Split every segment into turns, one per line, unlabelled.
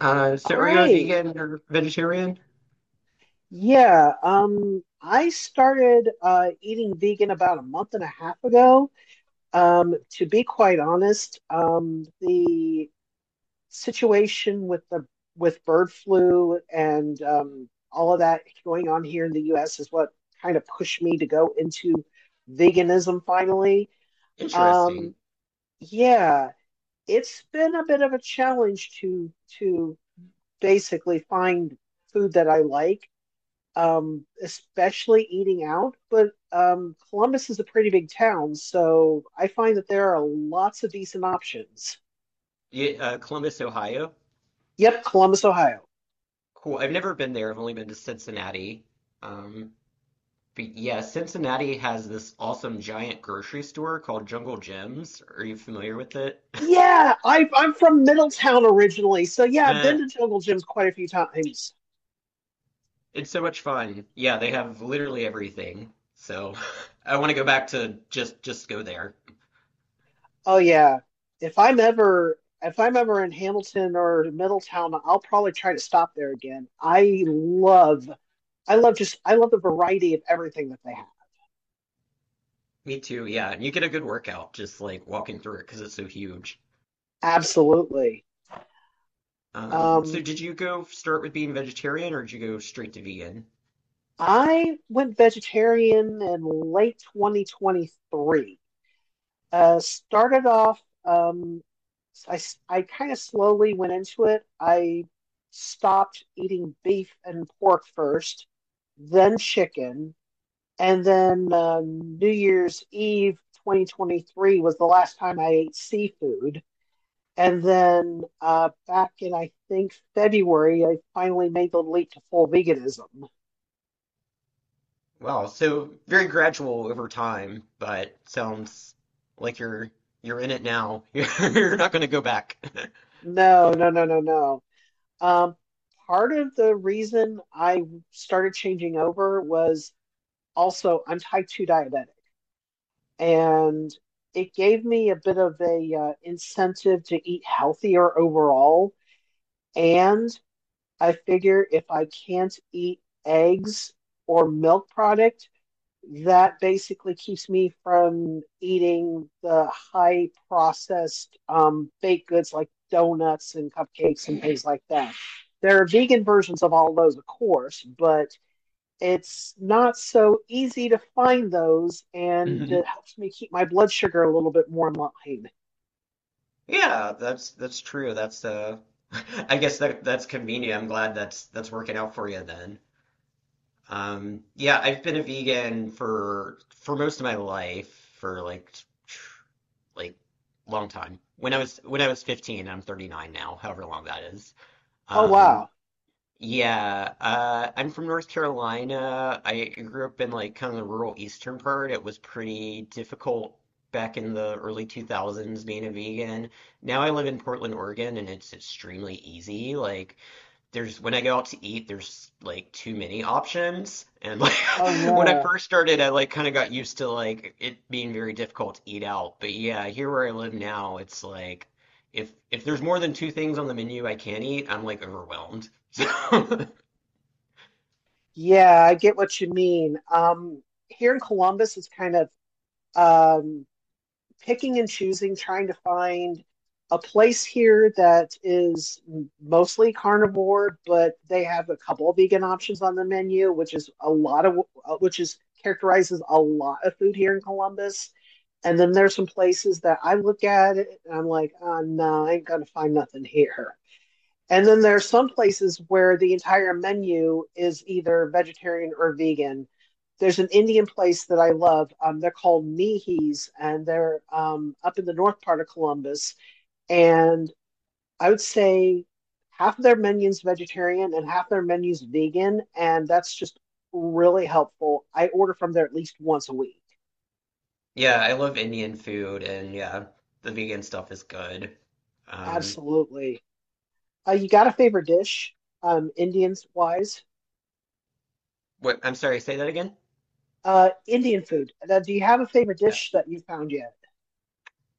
So
All
are you a
right.
vegan or vegetarian?
Yeah. I started eating vegan about a month and a half ago. To be quite honest, the situation with the with bird flu and all of that going on here in the U.S. is what kind of pushed me to go into veganism finally.
Interesting.
Um, yeah, it's been a bit of a challenge to to basically find food that I like, especially eating out. But Columbus is a pretty big town, so I find that there are lots of decent options.
Yeah, Columbus, Ohio.
Yep, Columbus, Ohio.
Cool. I've never been there. I've only been to Cincinnati. Um, But yeah, Cincinnati has this awesome giant grocery store called Jungle Gems. Are you familiar with it?
Yeah, I'm from Middletown originally, so yeah, I've been
Uh,
to Jungle Gyms quite a few times.
it's so much fun. Yeah, they have literally everything. So I want to go back to just go there.
Oh yeah, if I'm ever in Hamilton or Middletown, I'll probably try to stop there again. I love the variety of everything that they have.
Me too. Yeah, and you get a good workout just like walking through it because it's so huge.
Absolutely.
So
Um,
did you go start with being vegetarian or did you go straight to vegan?
I went vegetarian in late 2023. Started off, I, I kind of slowly went into it. I stopped eating beef and pork first, then chicken, and then New Year's Eve 2023 was the last time I ate seafood. And then back in, I think, February, I finally made the leap to full veganism.
Wow, so very gradual over time, but sounds like you're in it now. You're not going to go back.
No, no, no, no, no. Um, Part of the reason I started changing over was also I'm type 2 diabetic, and it gave me a bit of a incentive to eat healthier overall. And I figure if I can't eat eggs or milk product, that basically keeps me from eating the high processed baked goods like donuts and cupcakes and things like that. There are vegan versions of all those, of course, but it's not so easy to find those, and it
Mhm.
helps me keep my blood sugar a little bit more in line.
Yeah, that's true. That's I guess that's convenient. I'm glad that's working out for you then. Yeah, I've been a vegan for most of my life for like long time. When I was 15, I'm 39 now, however long that is.
Oh,
Um,
wow.
Yeah, I'm from North Carolina. I grew up in like kind of the rural eastern part. It was pretty difficult back in the early 2000s being a vegan. Now I live in Portland, Oregon, and it's extremely easy. Like there's when I go out to eat, there's like too many options. And like
Oh,
when I
yeah.
first started, I like kind of got used to like it being very difficult to eat out. But yeah, here where I live now, it's like if there's more than two things on the menu I can't eat, I'm like overwhelmed. So
Yeah, I get what you mean. Here in Columbus, it's kind of um, picking and choosing, trying to find a place here that is mostly carnivore, but they have a couple of vegan options on the menu, which is a lot of which is characterizes a lot of food here in Columbus. And then there's some places that I look at it and I'm like, oh, no, I ain't gonna find nothing here. And then there are some places where the entire menu is either vegetarian or vegan. There's an Indian place that I love. They're called Nihis, and they're up in the north part of Columbus. And I would say half of their menus vegetarian and half their menus vegan, and that's just really helpful. I order from there at least once a week.
yeah, I love Indian food and yeah, the vegan stuff is good. Um,
Absolutely. You got a favorite dish, Indians wise?
what? I'm sorry, say that again?
Indian food. Do you have a favorite
Yeah.
dish that you found yet?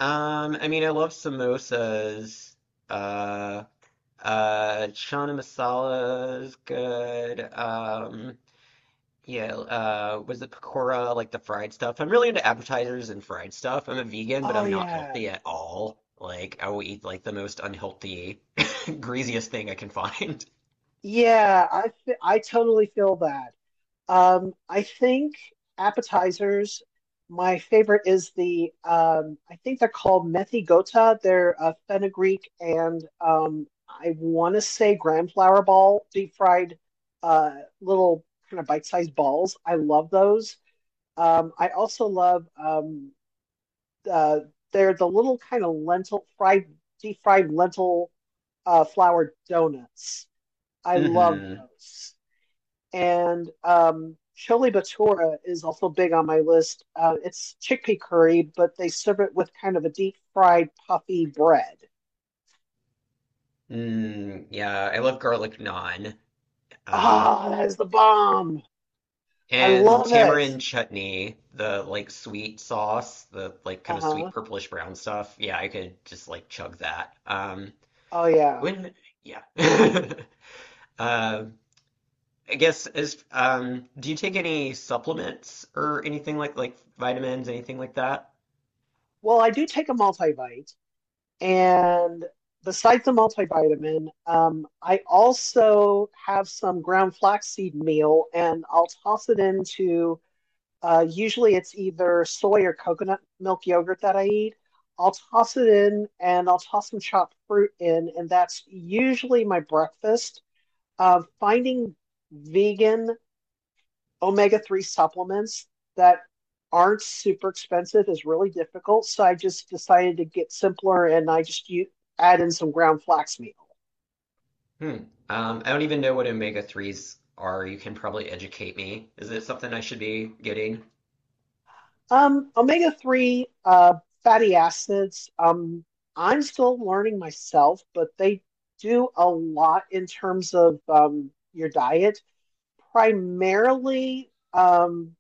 I mean, I love samosas. Uh, Chana Masala is good. Yeah, was it pakora, like the fried stuff? I'm really into appetizers and fried stuff. I'm a vegan, but
Oh
I'm not
yeah.
healthy at all. Like, I will eat like the most unhealthy, greasiest thing I can find.
I totally feel that. I think appetizers, my favorite is the I think they're called methi gota. They're fenugreek and I want to say gram flour ball, deep fried uh, little kind of bite-sized balls. I love those. I also love uh, they're the little kind of lentil fried, deep fried lentil flour donuts. I love
Mm-hmm.
those. And chili batura is also big on my list. It's chickpea curry, but they serve it with kind of a deep fried puffy bread.
Mm, yeah, I love garlic naan. Uh,
Ah, that is the bomb. I
And
love it.
tamarind chutney, the like sweet sauce, the like kind
Uh
of sweet
huh.
purplish brown stuff. Yeah, I could just like chug that.
Oh yeah.
When, yeah. Uh, I guess as do you take any supplements or anything like vitamins, anything like that?
Well, I do take a multivite, and besides the multivitamin, I also have some ground flaxseed meal, and I'll toss it into. Usually, it's either soy or coconut milk yogurt that I eat. I'll toss it in, and I'll toss some chopped fruit in, and that's usually my breakfast. Finding vegan omega 3 supplements that aren't super expensive is really difficult. So I just decided to get simpler and I add in some ground flax meal.
Hmm. I don't even know what omega threes are. You can probably educate me. Is it something I should be getting?
Omega 3 fatty acids, I'm still learning myself, but they do a lot in terms of your diet. Primarily,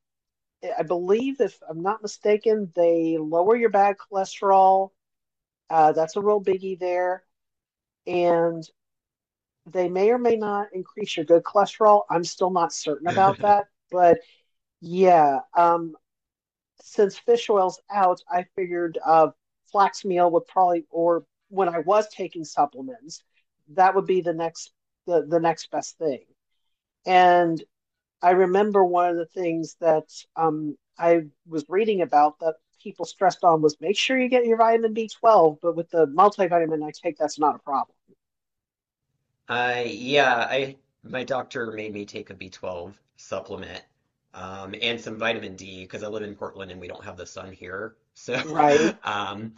I believe, if I'm not mistaken, they lower your bad cholesterol. That's a real biggie there. And they may or may not increase your good cholesterol. I'm still not certain about that. But yeah, since fish oil's out, I figured flax meal would probably, or when I was taking supplements, that would be the next the next best thing. And I remember one of the things that I was reading about that people stressed on was make sure you get your vitamin B12, but with the multivitamin I take, that's not a problem,
Yeah, I my doctor made me take a B12 supplement, and some vitamin D because I live in Portland and we don't have the sun here. So,
right?
um,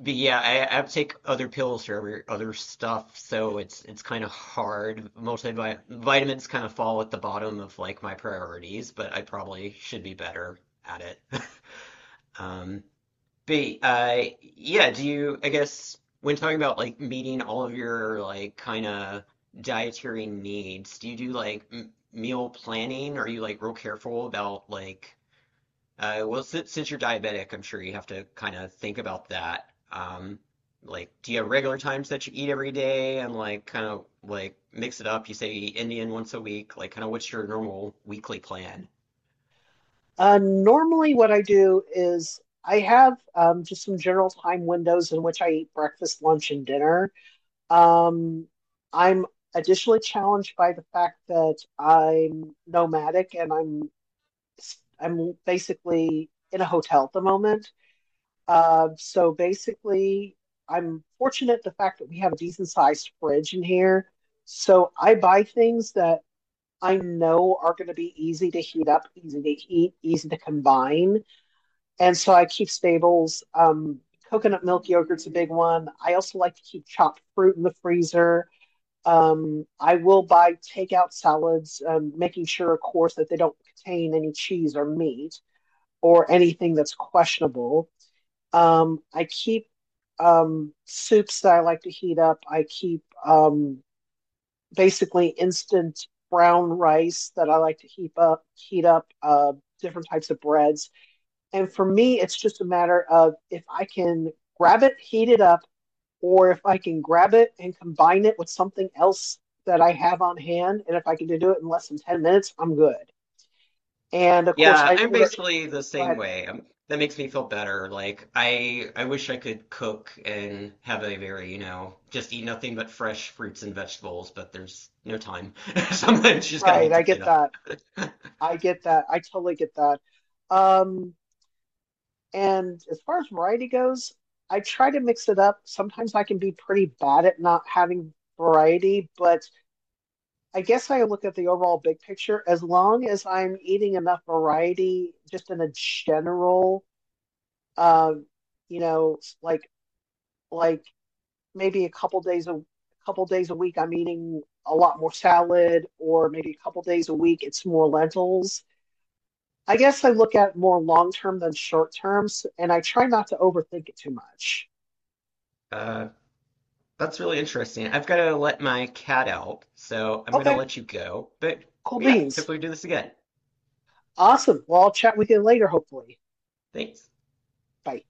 but yeah, I have to take other pills for every other stuff, so it's kind of hard. Multivit vitamins kind of fall at the bottom of like my priorities, but I probably should be better at it. Um, but yeah, I guess, when talking about like meeting all of your like kind of dietary needs, do you do like m meal planning? Are you like real careful about since, you're diabetic, I'm sure you have to kind of think about that. Like, do you have regular times that you eat every day and like kind of like mix it up? You say Indian once a week, like kind of what's your normal weekly plan?
Normally, what I do is I have just some general time windows in which I eat breakfast, lunch, and dinner. Um, I'm additionally challenged by the fact that I'm nomadic and I'm basically in a hotel at the moment. So basically, I'm fortunate the fact that we have a decent sized fridge in here. So I buy things that I know are going to be easy to heat up, easy to eat, easy to combine. And so I keep staples. Coconut milk yogurt's a big one. I also like to keep chopped fruit in the freezer. I will buy takeout salads, making sure, of course, that they don't contain any cheese or meat or anything that's questionable. I keep soups that I like to heat up. I keep basically instant brown rice that I like to heat up, different types of breads. And for me, it's just a matter of if I can grab it, heat it up, or if I can grab it and combine it with something else that I have on hand. And if I can do it in less than 10 minutes, I'm good. And of course,
Yeah,
I
I'm
order,
basically the
go
same
ahead.
way. Um, that makes me feel better. Like I wish I could cook and have a very, you know, just eat nothing but fresh fruits and vegetables, but there's no time. Sometimes you just gotta
Right.
heat
I
something
get
up.
that. I totally get that. Um, and as far as variety goes, I try to mix it up. Sometimes I can be pretty bad at not having variety, but I guess I look at the overall big picture. As long as I'm eating enough variety, just in a general, um, you know, like like maybe a couple days a couple days a week, I'm eating a lot more salad, or maybe a couple days a week, it's more lentils. I guess I look at more long term than short terms, and I try not to overthink it too much.
Uh That's really interesting. I've got to let my cat out, so I'm going to
Okay,
let you go. But
cool
yeah,
beans.
hopefully we do this again.
Awesome. Well, I'll chat with you later, hopefully.
Thanks.
Bye.